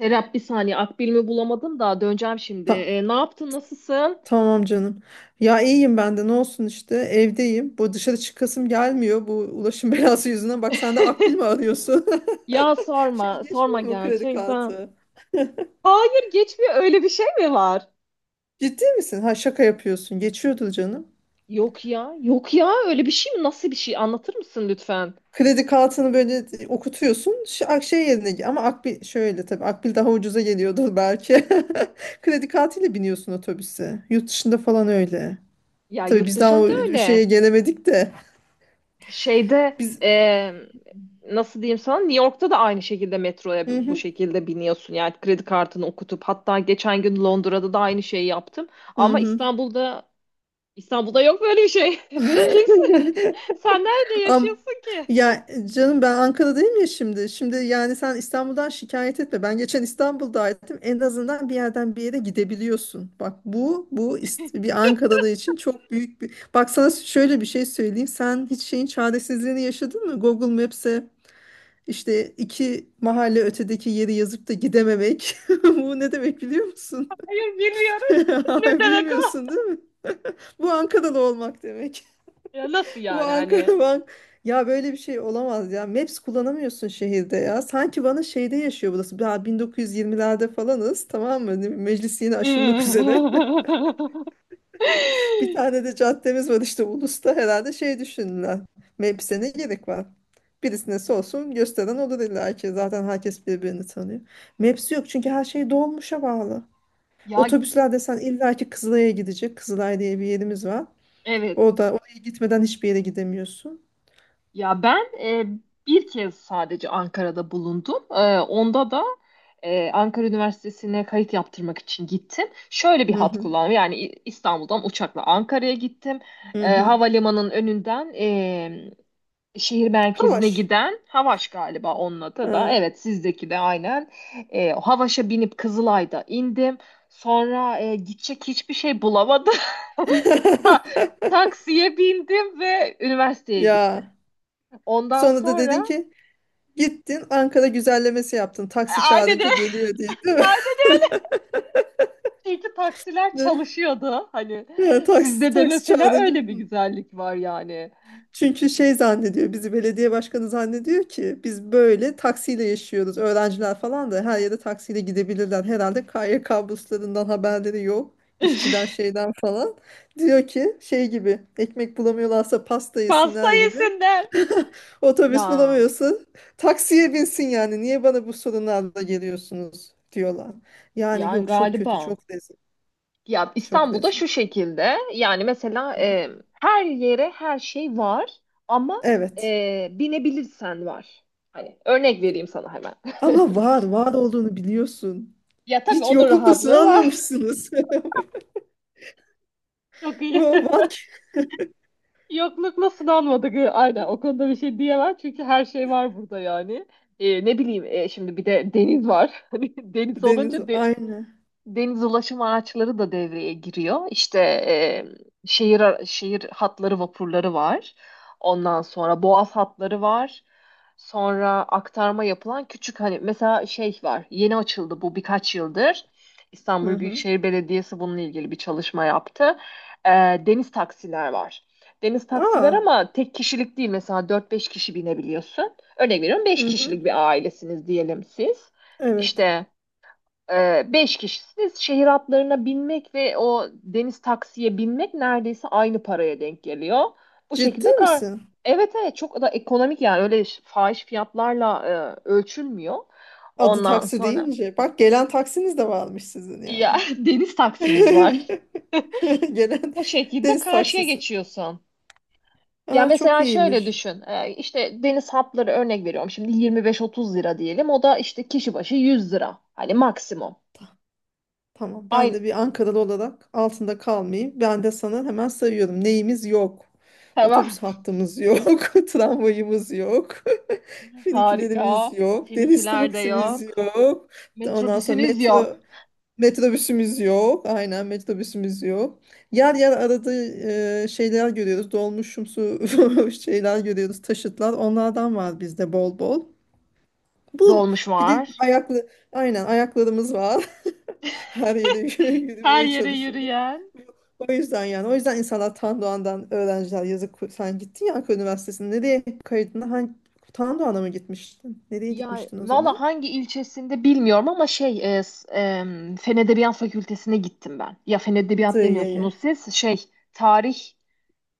Serap bir saniye Akbil'imi bulamadım da döneceğim şimdi. Ta- Ne yaptın, nasılsın? tamam canım. Ya iyiyim ben de ne olsun işte evdeyim. Bu dışarı çıkasım gelmiyor bu ulaşım belası yüzünden. Bak sen de Akbil mi arıyorsun? Ya Şey sorma geçmiyor mu kredi gerçekten. kartı? Hayır geçmiyor, öyle bir şey mi var? Ciddi misin? Ha, şaka yapıyorsun. Geçiyordur canım. Yok ya, öyle bir şey mi, nasıl bir şey, anlatır mısın lütfen? Kredi kartını böyle okutuyorsun. Şey yerine ama Akbil şöyle, tabii Akbil daha ucuza geliyordur belki. Kredi kartıyla biniyorsun otobüse. Yurt dışında falan öyle. Ya Tabii yurt biz daha o dışında şeye öyle. gelemedik de Şeyde biz. e, Nasıl diyeyim sana, New York'ta da aynı şekilde metroya Hı bu hı. şekilde biniyorsun. Yani kredi kartını okutup, hatta geçen gün Londra'da da aynı şeyi yaptım. Hı Ama hı. İstanbul'da yok böyle bir şey. Kesin. Sen nerede Am yaşıyorsun ki? ya canım ben Ankara'dayım ya şimdi. Şimdi yani sen İstanbul'dan şikayet etme. Ben geçen İstanbul'daydım. En azından bir yerden bir yere gidebiliyorsun. Bak bu bir Ankaralı için çok büyük bir. Bak sana şöyle bir şey söyleyeyim. Sen hiç şeyin çaresizliğini yaşadın mı? Google Maps'e işte iki mahalle ötedeki yeri yazıp da gidememek. Bu ne demek biliyor musun? Hayır, bilmiyorum. Ne demek o? Bilmiyorsun değil mi? Bu Ankaralı olmak demek. Ya nasıl Bu yani, Ankara hani? Van. Ya böyle bir şey olamaz ya. Maps kullanamıyorsun şehirde ya. Sanki bana şeyde yaşıyor burası. Daha 1920'lerde falanız tamam mı? Meclis yeni açılmak üzere. Bir tane de caddemiz var işte Ulus'ta, herhalde şey düşündüler. Maps'e ne gerek var? Birisine olsun gösteren olur illa ki. Zaten herkes birbirini tanıyor. Maps yok çünkü her şey dolmuşa bağlı. Ya Otobüsler desen illa ki Kızılay'a gidecek. Kızılay diye bir yerimiz var. evet. Orada, oraya gitmeden hiçbir yere gidemiyorsun. Ya bir kez sadece Ankara'da bulundum. Onda da Ankara Üniversitesi'ne kayıt yaptırmak için gittim. Şöyle bir Hı hat hı. kullandım. Yani İstanbul'dan uçakla Ankara'ya gittim. Hı hı. Havalimanının önünden şehir Ha, merkezine var. giden Havaş galiba onun adı da. Ha. Evet, sizdeki de aynen. Havaş'a binip Kızılay'da indim. Sonra gidecek hiçbir şey bulamadım. Ta- Taksiye bindim ve üniversiteye gittim. Ya. Ondan Sonra da dedin sonra ki gittin Ankara güzellemesi yaptın. Taksi aynen çağırınca öyle. geliyor diye, değil mi? Aynen öyle. Çünkü taksiler çalışıyordu. Hani Ne? Ya, taksi, sizde de taksi mesela çağırınca. öyle bir güzellik var yani. Çünkü şey zannediyor, bizi belediye başkanı zannediyor ki biz böyle taksiyle yaşıyoruz. Öğrenciler falan da her yere taksiyle gidebilirler. Herhalde KYK burslarından haberleri yok. İşçiden şeyden falan. Diyor ki şey gibi, ekmek bulamıyorlarsa pasta Pasta yesinler gibi. yesinler. Otobüs Ya bulamıyorsun. Taksiye binsin yani. Niye bana bu sorunlarla geliyorsunuz diyorlar. Yani yani yok, çok kötü, galiba. çok rezil. Ya Çok İstanbul'da rezil. şu şekilde, yani mesela Hı hı. Her yere her şey var ama Evet. Binebilirsen var. Hani örnek vereyim sana hemen. Ama var, var olduğunu biliyorsun. Ya tabii Hiç onun yoklukla rahatlığı var. sınanmamışsınız. Çok iyi. Bu var ki Yoklukla sınanmadık. Aynen o konuda bir şey diyemem çünkü her şey var burada yani. Ne bileyim, şimdi bir de deniz var. Hani deniz deniz olunca aynı. deniz ulaşım araçları da devreye giriyor. İşte şehir şehir hatları, vapurları var. Ondan sonra boğaz hatları var. Sonra aktarma yapılan küçük hani mesela şey var. Yeni açıldı bu birkaç yıldır. Hı İstanbul hı. Büyükşehir Belediyesi bununla ilgili bir çalışma yaptı. E, Deniz taksiler var. Deniz taksiler Aa. ama tek kişilik değil, mesela dört beş kişi binebiliyorsun. Örnek veriyorum, Hı beş hı. kişilik bir ailesiniz diyelim siz. Evet. İşte beş kişisiniz. Şehir atlarına binmek ve o deniz taksiye binmek neredeyse aynı paraya denk geliyor. Bu Ciddi şekilde kar. misin? Evet evet, çok da ekonomik yani, öyle fahiş fiyatlarla ölçülmüyor. Adı Ondan taksi sonra deyince. Bak gelen taksiniz de varmış sizin yani. ya deniz taksimiz var. Gelen Bu şekilde deniz karşıya taksisi. geçiyorsun. Ya Aa, çok mesela şöyle iyiymiş. düşün. İşte deniz hatları, örnek veriyorum. Şimdi 25-30 lira diyelim. O da işte kişi başı 100 lira. Hani maksimum. Tamam, ben Aynı. de bir Ankaralı olarak altında kalmayayım. Ben de sana hemen sayıyorum. Neyimiz yok? Otobüs Tamam. hattımız yok. Tramvayımız yok. Finikülerimiz Harika. yok. Deniz Finikiler de taksimiz yok. yok. Ondan sonra Metrobüsünüz yok. Metrobüsümüz yok. Aynen, metrobüsümüz yok. Yer yer arada şeyler görüyoruz. Dolmuşumsu şeyler görüyoruz. Taşıtlar. Onlardan var bizde bol bol. Bu. Dolmuş Bir de var. ayaklı, aynen ayaklarımız var. Her yere Her yürümeye yere çalışıyorlar. yürüyen. O yüzden, yani o yüzden insanlar Tan Doğan'dan, öğrenciler yazık. Sen gittin ya Ankara Üniversitesi'ne, nereye kaydına hangi Tan Doğan'a mı gitmiştin? Nereye Ya gitmiştin o valla zaman? hangi ilçesinde bilmiyorum ama şey Fen Edebiyat Fakültesine gittim ben. Ya Fen Edebiyat demiyorsunuz Sığıye'ye. siz. Şey, tarih,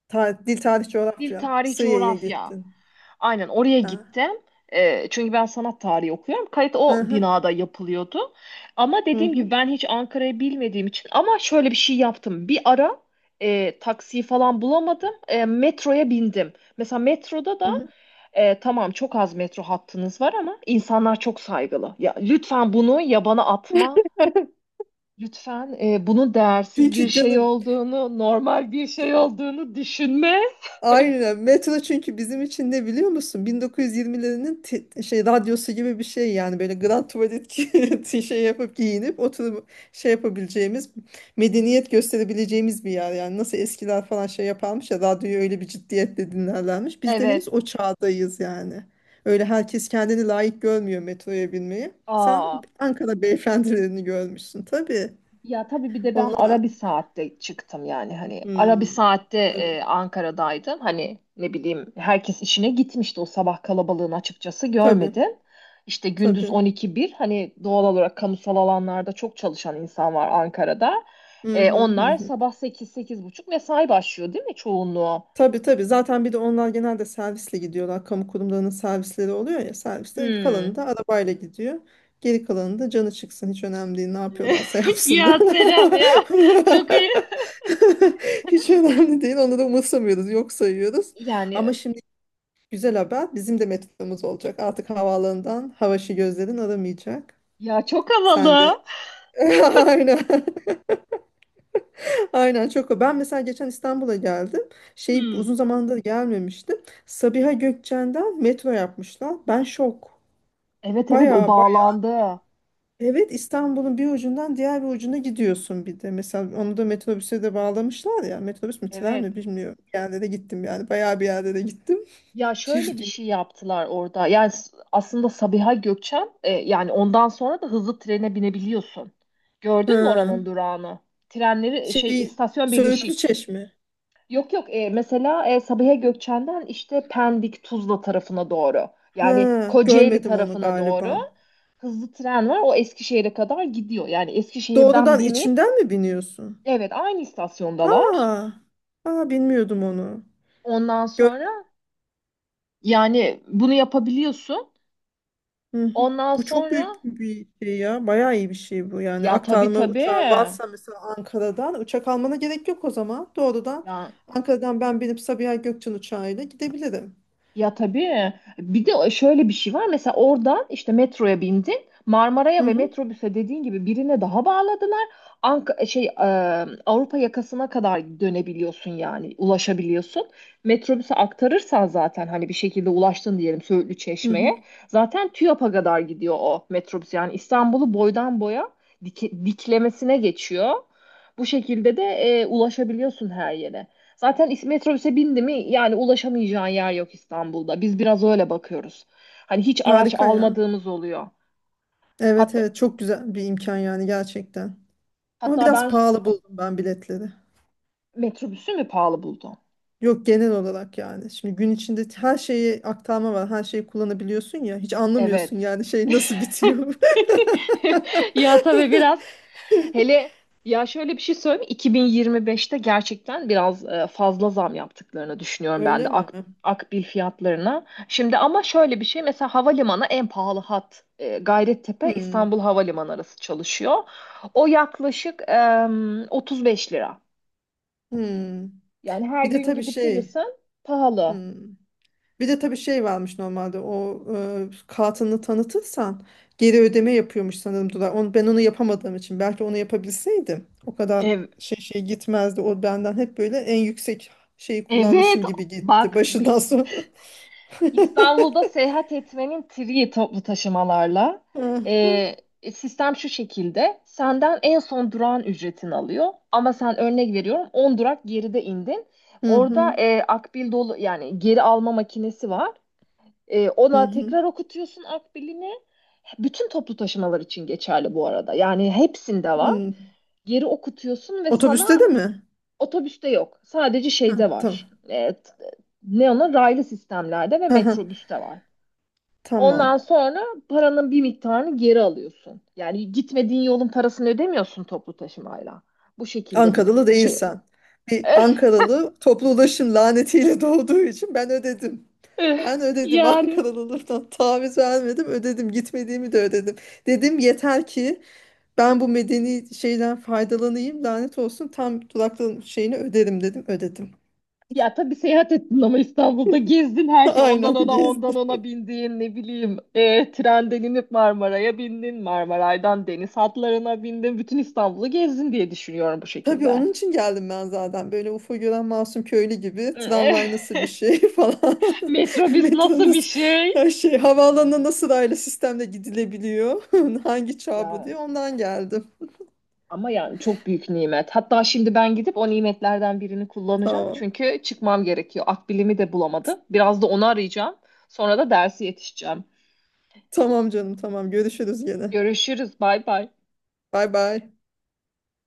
Dil tarih dil coğrafya. tarih Sığıye'ye coğrafya. gittin. Aynen oraya Ha. gittim. Çünkü ben sanat tarihi okuyorum. Kayıt Hı o hı. binada yapılıyordu. Ama Hı dediğim hı. gibi, ben hiç Ankara'yı bilmediğim için ama şöyle bir şey yaptım. Bir ara taksiyi falan bulamadım. Metroya bindim. Mesela metroda Hı da hı. Tamam, çok az metro hattınız var ama insanlar çok saygılı. Ya lütfen bunu yabana atma. Lütfen bunun değersiz bir Çünkü şey canım olduğunu, normal bir şey olduğunu düşünme. aynen. Metro çünkü bizim için ne biliyor musun? 1920'lerin şey radyosu gibi bir şey yani, böyle grand tuvalet şey yapıp giyinip oturup şey yapabileceğimiz, medeniyet gösterebileceğimiz bir yer. Yani nasıl eskiler falan şey yaparmış ya, radyoyu öyle bir ciddiyetle dinlerlermiş. Biz de henüz Evet. o çağdayız yani. Öyle herkes kendini layık görmüyor metroya binmeyi. Sen Aa. Ankara beyefendilerini görmüşsün tabii. Ya tabii bir de ben Onlar, ara bir saatte çıktım, yani hani ara bir hmm, saatte tabii, Ankara'daydım. Hani ne bileyim, herkes işine gitmişti, o sabah kalabalığını açıkçası tabii, görmedim. İşte gündüz tabii. 12-1, hani doğal olarak kamusal alanlarda çok çalışan insan var Ankara'da. Hı hı Onlar hı. sabah 8 buçuk mesai başlıyor değil mi çoğunluğu? Tabii, tabii. Zaten bir de onlar genelde servisle gidiyorlar. Kamu kurumlarının servisleri oluyor ya. Servisler, Hmm. kalanı da arabayla gidiyor. Geri kalanı da canı çıksın. Hiç önemli değil. Ne yapıyorlarsa yapsınlar. Ya Serap ya, çok iyi. Hiç önemli değil. Onu da umursamıyoruz. Yok sayıyoruz. Yani Ama şimdi güzel haber. Bizim de metromuz olacak. Artık havaalanından havaşı gözlerin aramayacak. ya çok, çok Sen de. havalı. Aynen. Aynen çok o. Ben mesela geçen İstanbul'a geldim. Şey, Hmm. uzun zamandır gelmemiştim. Sabiha Gökçen'den metro yapmışlar. Ben şok. Evet evet, o Baya baya. bağlandı. Evet, İstanbul'un bir ucundan diğer bir ucuna gidiyorsun bir de. Mesela onu da metrobüse de bağlamışlar ya. Metrobüs mü tren Evet. mi bilmiyorum. Bir yerde de gittim yani. Baya bir yerde de gittim. Ya şöyle bir Şimdi şey yaptılar orada. Yani aslında Sabiha Gökçen, yani ondan sonra da hızlı trene binebiliyorsun. Gördün mü oranın ha. durağını? Trenleri şey, Şey istasyon Söğütlü birleşik. Çeşme. Yok yok, mesela Sabiha Gökçen'den işte Pendik Tuzla tarafına doğru. Yani Ha, Kocaeli görmedim onu tarafına doğru galiba. hızlı tren var. O Eskişehir'e kadar gidiyor. Yani Eskişehir'den Doğrudan binip içinden mi biniyorsun? evet, aynı istasyondalar. Aa, aa bilmiyordum onu. Ondan sonra yani bunu yapabiliyorsun. Hı hı. Ondan Bu çok sonra büyük bir şey ya. Bayağı iyi bir şey bu. Yani ya tabii aktarma uçağın tabii. varsa mesela Ankara'dan uçak almana gerek yok o zaman. Doğrudan Ya, Ankara'dan ben binip Sabiha Gökçen uçağıyla gidebilirim. ya tabii. Bir de şöyle bir şey var. Mesela oradan işte metroya bindin. Marmara'ya Hı ve hı. metrobüse dediğin gibi birine daha bağladılar. Ank şey e, Avrupa yakasına kadar dönebiliyorsun, yani ulaşabiliyorsun. Metrobüse aktarırsan zaten hani bir şekilde ulaştın diyelim Söğütlü Hı hı. Çeşme'ye. Zaten TÜYAP'a kadar gidiyor o metrobüs. Yani İstanbul'u boydan boya diklemesine geçiyor. Bu şekilde de ulaşabiliyorsun her yere. Zaten metrobüse bindi mi, yani ulaşamayacağın yer yok İstanbul'da. Biz biraz öyle bakıyoruz. Hani hiç araç Harika ya. almadığımız oluyor. Evet Hatta evet, çok güzel bir imkan yani gerçekten. Ama hatta biraz ben pahalı buldum ben biletleri. metrobüsü mü pahalı buldum? Yok, genel olarak yani. Şimdi gün içinde her şeyi aktarma var. Her şeyi kullanabiliyorsun ya. Hiç anlamıyorsun Evet. yani şey nasıl bitiyor. Ya tabii biraz. Hele ya şöyle bir şey söyleyeyim mi? 2025'te gerçekten biraz fazla zam yaptıklarını düşünüyorum ben de Öyle mi? Akbil fiyatlarına. Şimdi ama şöyle bir şey, mesela havalimanı en pahalı hat Gayrettepe Hmm, İstanbul Havalimanı arası çalışıyor. O yaklaşık 35 lira. hmm. Yani her Bir de gün tabii gidip şey, gelirsen pahalı. hmm. Bir de tabii şey varmış normalde o kartını tanıtırsan geri ödeme yapıyormuş sanırım Dular. Onu, ben onu yapamadığım için, belki onu yapabilseydim o kadar Ev, şey gitmezdi. O benden hep böyle en yüksek şeyi evet kullanmışım gibi gitti bak, başından sonra. İstanbul'da seyahat etmenin triği toplu taşımalarla. Hı hı, Ee, Sistem şu şekilde. Senden en son durağın ücretini alıyor. Ama sen örnek veriyorum, 10 durak geride indin. hı hı. Orada akbil dolu, yani geri alma makinesi var. Ona Hı. tekrar okutuyorsun akbilini. Bütün toplu taşımalar için geçerli bu arada. Yani hepsinde var. Hmm. Geri okutuyorsun ve Otobüste sana de mi? otobüste yok. Sadece Ha, şeyde var. tamam. Ne ona, raylı sistemlerde ve Aha, metrobüste var. Ondan tamam. sonra paranın bir miktarını geri alıyorsun. Yani gitmediğin yolun parasını ödemiyorsun toplu taşımayla. Bu şekilde biz Ankaralı şey değilsen. Bir Ankaralı toplu ulaşım lanetiyle doğduğu için ben ödedim. Eh, Ben ödedim. yani Ankaralılıktan taviz vermedim, ödedim, gitmediğimi de ödedim. Dedim yeter ki ben bu medeni şeyden faydalanayım, lanet olsun tam duraklığın şeyini öderim dedim, ödedim. ya tabii seyahat ettin ama İstanbul'da gezdin her şey. Ondan Aynen ona, ondan gezdim. ona bindiğin, ne bileyim, eh, trenden inip Marmara'ya bindin. Marmaray'dan deniz hatlarına bindin. Bütün İstanbul'u gezdin diye düşünüyorum bu Tabii şekilde. onun için geldim ben zaten. Böyle UFO gören masum köylü gibi, tramvay nasıl bir şey falan. Metrobüs Metro nasıl bir nasıl, şey? her şey. Havaalanına nasıl raylı sistemle gidilebiliyor. Hangi çağ bu Ya, diye ondan geldim. ama yani çok büyük nimet. Hatta şimdi ben gidip o nimetlerden birini kullanacağım. Tamam. Çünkü çıkmam gerekiyor. Akbilimi de bulamadım. Biraz da onu arayacağım. Sonra da dersi yetişeceğim. Tamam canım, tamam. Görüşürüz gene. Görüşürüz. Bay bay. Bay bay.